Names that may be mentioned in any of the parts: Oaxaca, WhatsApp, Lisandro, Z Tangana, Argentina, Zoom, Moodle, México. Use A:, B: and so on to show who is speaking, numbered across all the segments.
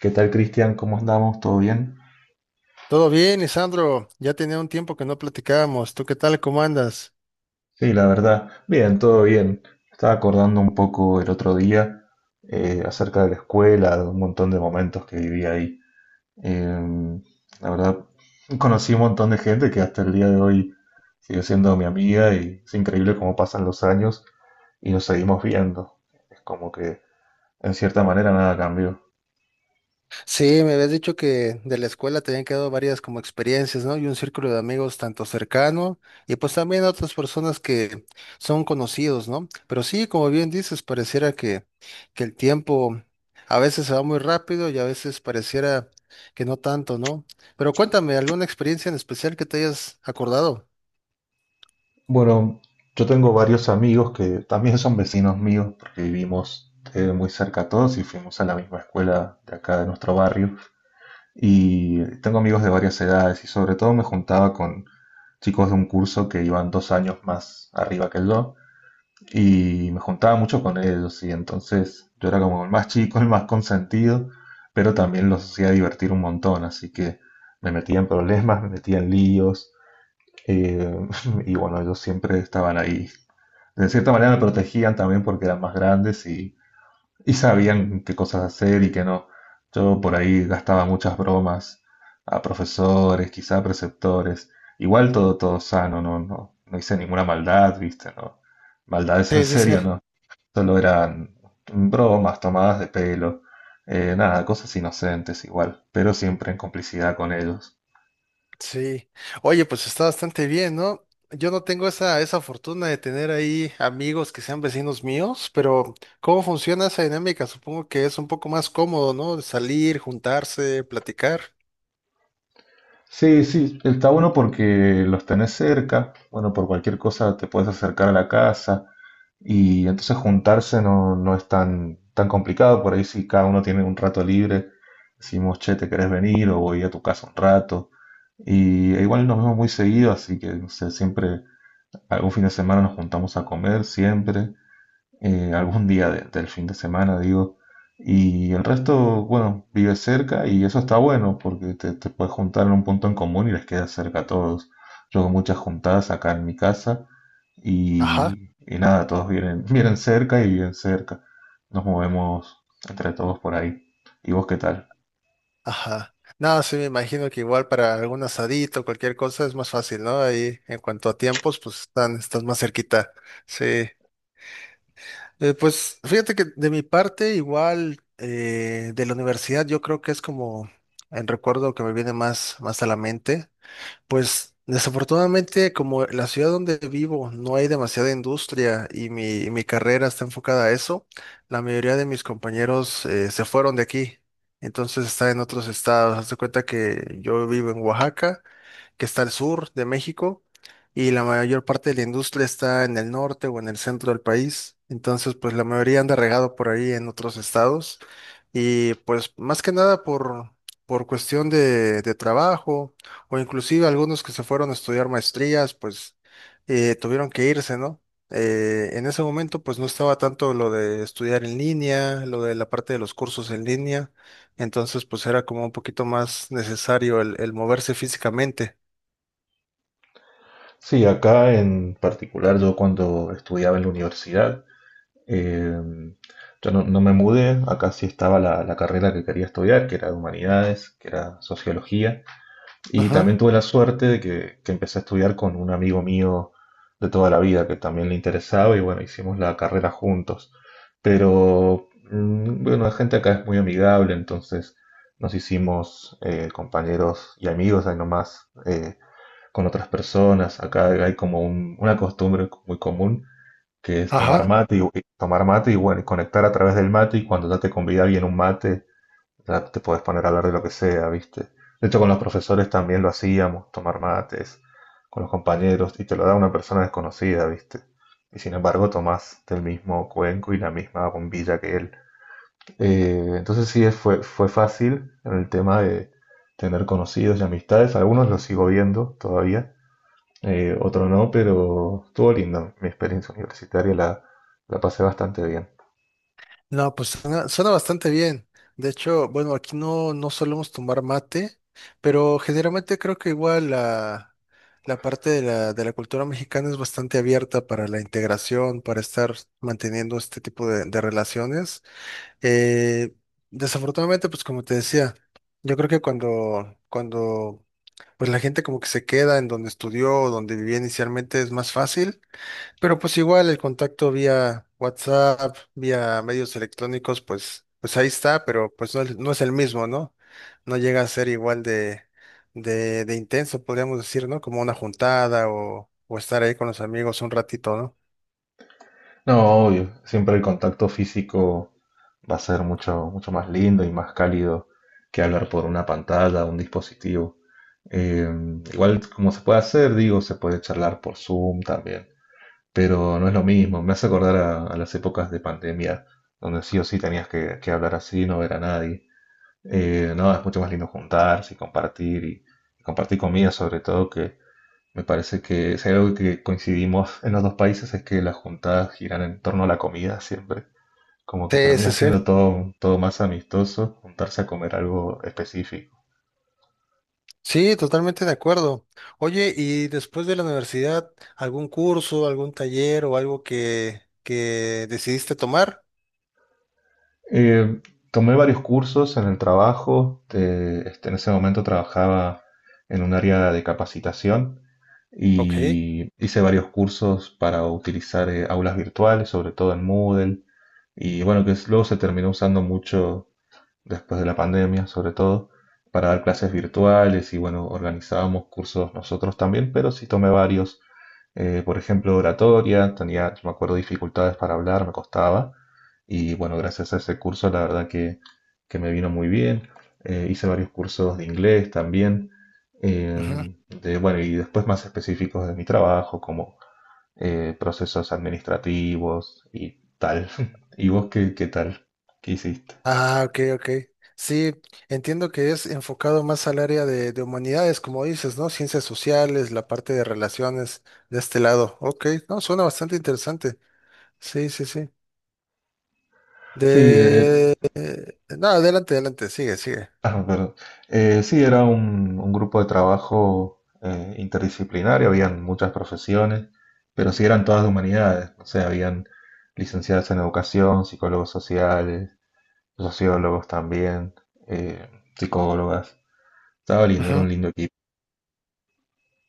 A: ¿Qué tal, Cristian? ¿Cómo andamos? ¿Todo bien?
B: Todo bien, Lisandro. Ya tenía un tiempo que no platicábamos. ¿Tú qué tal? ¿Cómo andas?
A: Sí, la verdad, bien, todo bien. Estaba acordando un poco el otro día, acerca de la escuela, de un montón de momentos que viví ahí. Em, la verdad, conocí un montón de gente que hasta el día de hoy sigue siendo mi amiga y es increíble cómo pasan los años y nos seguimos viendo. Es como que, en cierta manera, nada cambió.
B: Sí, me habías dicho que de la escuela te habían quedado varias como experiencias, ¿no? Y un círculo de amigos tanto cercano y pues también otras personas que son conocidos, ¿no? Pero sí, como bien dices, pareciera que el tiempo a veces se va muy rápido y a veces pareciera que no tanto, ¿no? Pero cuéntame, ¿alguna experiencia en especial que te hayas acordado?
A: Bueno, yo tengo varios amigos que también son vecinos míos porque vivimos muy cerca todos y fuimos a la misma escuela de acá de nuestro barrio. Y tengo amigos de varias edades y sobre todo me juntaba con chicos de un curso que iban dos años más arriba que yo y me juntaba mucho con ellos y entonces yo era como el más chico, el más consentido, pero también los hacía divertir un montón, así que me metía en problemas, me metía en líos eh, y bueno, ellos siempre estaban ahí, de cierta manera me protegían también porque eran más grandes y sabían qué cosas hacer y qué no. Yo por ahí gastaba muchas bromas a profesores, quizá a preceptores. Igual todo, todo sano, no, no, no hice ninguna maldad, ¿viste? No, maldades en
B: Sí, sí, sí.
A: serio, no. Solo eran bromas, tomadas de pelo, nada, cosas inocentes igual, pero siempre en complicidad con ellos.
B: Sí. Oye, pues está bastante bien, ¿no? Yo no tengo esa fortuna de tener ahí amigos que sean vecinos míos, pero ¿cómo funciona esa dinámica? Supongo que es un poco más cómodo, ¿no? De salir, juntarse, platicar.
A: Sí, sí, está bueno porque los tenés cerca, bueno, por cualquier cosa te puedes acercar a la casa, y entonces juntarse no, no es tan, tan complicado. Por ahí, si cada uno tiene un rato libre, decimos: che, ¿te querés venir? O voy a tu casa un rato. Y e igual nos vemos muy seguido, así que no sé, siempre algún fin de semana nos juntamos a comer, siempre, algún día del fin de semana, digo. Y el resto, bueno, vive cerca y eso está bueno porque te puedes juntar en un punto en común y les queda cerca a todos. Yo hago muchas juntadas acá en mi casa
B: Ajá,
A: y nada, todos vienen, vienen cerca y viven cerca. Nos movemos entre todos por ahí. ¿Y vos qué tal?
B: ajá. No, sí, me imagino que igual para algún asadito, cualquier cosa es más fácil, ¿no? Ahí en cuanto a tiempos, pues estás más cerquita. Sí. Pues fíjate que de mi parte, igual de la universidad, yo creo que es como el recuerdo que me viene más, más a la mente. Pues desafortunadamente, como la ciudad donde vivo no hay demasiada industria y mi carrera está enfocada a eso, la mayoría de mis compañeros se fueron de aquí. Entonces está en otros estados. Haz de cuenta que yo vivo en Oaxaca, que está al sur de México, y la mayor parte de la industria está en el norte o en el centro del país. Entonces, pues la mayoría anda regado por ahí en otros estados. Y pues más que nada por cuestión de trabajo o inclusive algunos que se fueron a estudiar maestrías, pues tuvieron que irse, ¿no? En ese momento, pues no estaba tanto lo de estudiar en línea, lo de la parte de los cursos en línea, entonces pues era como un poquito más necesario el moverse físicamente.
A: Sí, acá en particular, yo cuando estudiaba en la universidad, Eh, yo no, no me mudé, acá sí estaba la carrera que quería estudiar, que era de humanidades, que era sociología, y también
B: Ajá,
A: tuve la suerte de que empecé a estudiar con un amigo mío de toda la vida que también le interesaba y bueno, hicimos la carrera juntos. Pero bueno, la gente acá es muy amigable, entonces nos hicimos, compañeros y amigos ahí nomás, con otras personas. Acá hay como una costumbre muy común que es tomar
B: ajá.
A: mate y tomar mate y bueno, y conectar a través del mate, y cuando ya te convida alguien un mate, ya te puedes poner a hablar de lo que sea, ¿viste? De hecho, con los profesores también lo hacíamos, tomar mates con los compañeros, y te lo da una persona desconocida, ¿viste? Y sin embargo tomás del mismo cuenco y la misma bombilla que él. Entonces sí, fue fácil en el tema de tener conocidos y amistades. Algunos los sigo viendo todavía, otro no, pero estuvo lindo. Mi experiencia universitaria la pasé bastante bien.
B: No, pues suena, suena bastante bien. De hecho, bueno, aquí no, no solemos tomar mate, pero generalmente creo que igual la parte de la cultura mexicana es bastante abierta para la integración, para estar manteniendo este tipo de relaciones. Eh, Desafortunadamente, pues como te decía, yo creo que cuando pues la gente como que se queda en donde estudió, o donde vivía inicialmente, es más fácil. Pero pues igual el contacto vía WhatsApp, vía medios electrónicos, pues, pues ahí está, pero pues no, no es el mismo, ¿no? No llega a ser igual de intenso, podríamos decir, ¿no? Como una juntada o estar ahí con los amigos un ratito, ¿no?
A: No, obvio, siempre el contacto físico va a ser mucho, mucho más lindo y más cálido que hablar por una pantalla o un dispositivo. Eh, Igual, como se puede hacer, digo, se puede charlar por Zoom también, pero no es lo mismo. Me hace acordar a, las épocas de pandemia, donde sí o sí tenías que hablar así, no ver a nadie. No, es mucho más lindo juntarse y compartir y compartir comida sobre todo, que me parece que si hay algo que coincidimos en los dos países es que las juntadas giran en torno a la comida siempre. Como que
B: Sí, sí,
A: termina
B: sí.
A: siendo todo, todo más amistoso, juntarse a comer algo específico.
B: Sí, totalmente de acuerdo. Oye, ¿y después de la universidad, algún curso, algún taller o algo que decidiste tomar?
A: Eh, Tomé varios cursos en el trabajo. En ese momento trabajaba en un área de capacitación
B: Ok.
A: y hice varios cursos para utilizar, aulas virtuales, sobre todo en Moodle. Y bueno, luego se terminó usando mucho después de la pandemia, sobre todo, para dar clases virtuales, y bueno, organizábamos cursos nosotros también, pero sí tomé varios, por ejemplo, oratoria. Tenía, yo me acuerdo, dificultades para hablar, me costaba, y bueno, gracias a ese curso la verdad que me vino muy bien. Hice varios cursos de inglés también, eh, de, bueno, y después más específicos de mi trabajo, como, procesos administrativos y tal. ¿Y vos qué, qué tal? ¿Qué hiciste?
B: Ah, ok, ok. Sí, entiendo que es enfocado más al área de humanidades, como dices, ¿no? Ciencias sociales, la parte de relaciones de este lado. Ok, no, suena bastante interesante. Sí, sí, sí.
A: Sí,
B: No, adelante, adelante, sigue, sigue.
A: ah, pero, sí, era un grupo de trabajo, interdisciplinario, habían muchas profesiones, pero sí eran todas de humanidades, o sea, habían licenciadas en educación, psicólogos sociales, sociólogos también, eh, psicólogas. Estaba lindo, era
B: Ujú.
A: un lindo equipo.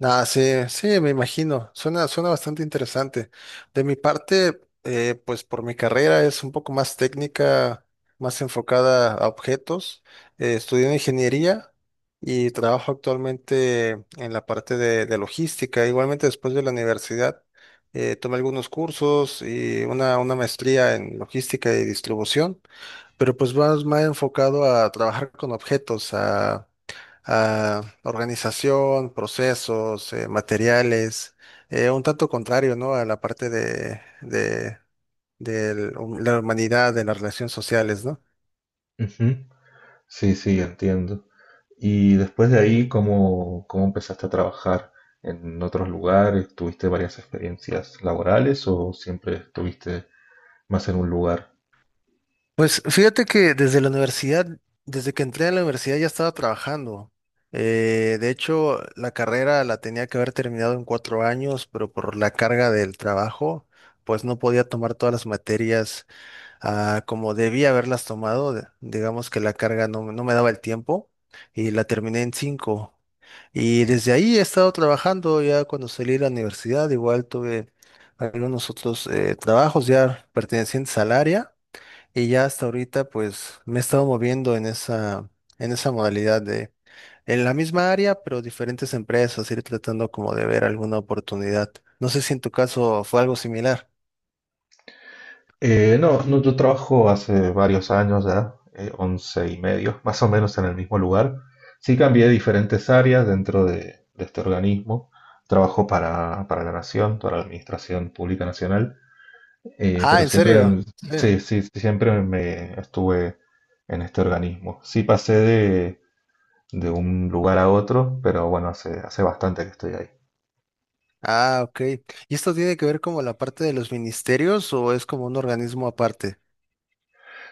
B: Ah, sí, sí, me imagino. Suena, suena bastante interesante. De mi parte, pues por mi carrera es un poco más técnica, más enfocada a objetos. Estudié ingeniería y trabajo actualmente en la parte de logística. Igualmente después de la universidad, tomé algunos cursos y una maestría en logística y distribución, pero pues más, más enfocado a trabajar con objetos, a organización, procesos, materiales, un tanto contrario, ¿no? A la parte del- la humanidad, de las relaciones sociales, ¿no?
A: Ujú. Sí, sí, entiendo. Y después de ahí, ¿cómo empezaste a trabajar en otros lugares? ¿Tuviste varias experiencias laborales o siempre estuviste más en un lugar?
B: Pues fíjate que desde la universidad, desde que entré a la universidad ya estaba trabajando. De hecho, la carrera la tenía que haber terminado en 4 años, pero por la carga del trabajo, pues no podía tomar todas las materias a como debía haberlas tomado, digamos que la carga no, no me daba el tiempo y la terminé en 5. Y desde ahí he estado trabajando, ya cuando salí de la universidad, igual tuve algunos otros trabajos ya pertenecientes al área y ya hasta ahorita pues me he estado moviendo en esa modalidad de, en la misma área, pero diferentes empresas, ir tratando como de ver alguna oportunidad. No sé si en tu caso fue algo similar.
A: No, no, yo trabajo hace varios años ya, 11 y medio, más o menos en el mismo lugar. Sí, cambié diferentes áreas dentro de este organismo. Trabajo para la Nación, para la Administración Pública Nacional,
B: Ah,
A: pero
B: ¿en
A: siempre,
B: serio? Sí.
A: sí, sí, siempre me estuve en este organismo. Sí, pasé de un lugar a otro, pero bueno, hace bastante que estoy ahí.
B: Ah, ok. ¿Y esto tiene que ver como la parte de los ministerios o es como un organismo aparte?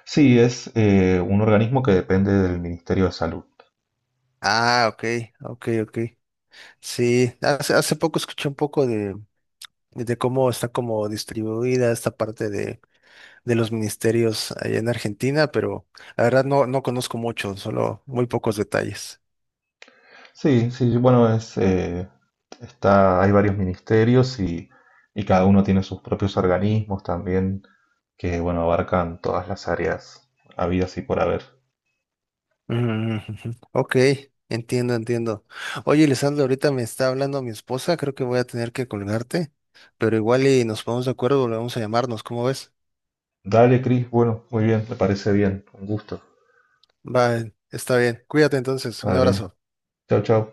A: Sí, es, un organismo que depende del Ministerio de Salud.
B: Ah, ok, ok, ok. Sí, hace, hace poco escuché un poco de cómo está como distribuida esta parte de los ministerios allá en Argentina, pero la verdad no, no conozco mucho, solo muy pocos detalles.
A: Sí, sí, bueno, está, hay varios ministerios y cada uno tiene sus propios organismos también que, bueno, abarcan todas las áreas habidas y por haber.
B: Mm, ujú. Ok, entiendo, entiendo. Oye, Lisandro, ahorita me está hablando mi esposa, creo que voy a tener que colgarte, pero igual y nos ponemos de acuerdo, volvemos a llamarnos, ¿cómo ves?
A: Dale, Cris, bueno, muy bien, me parece bien, un gusto.
B: Vale, está bien. Cuídate entonces. Un
A: Dale,
B: abrazo.
A: chao, chao.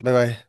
B: Bye bye.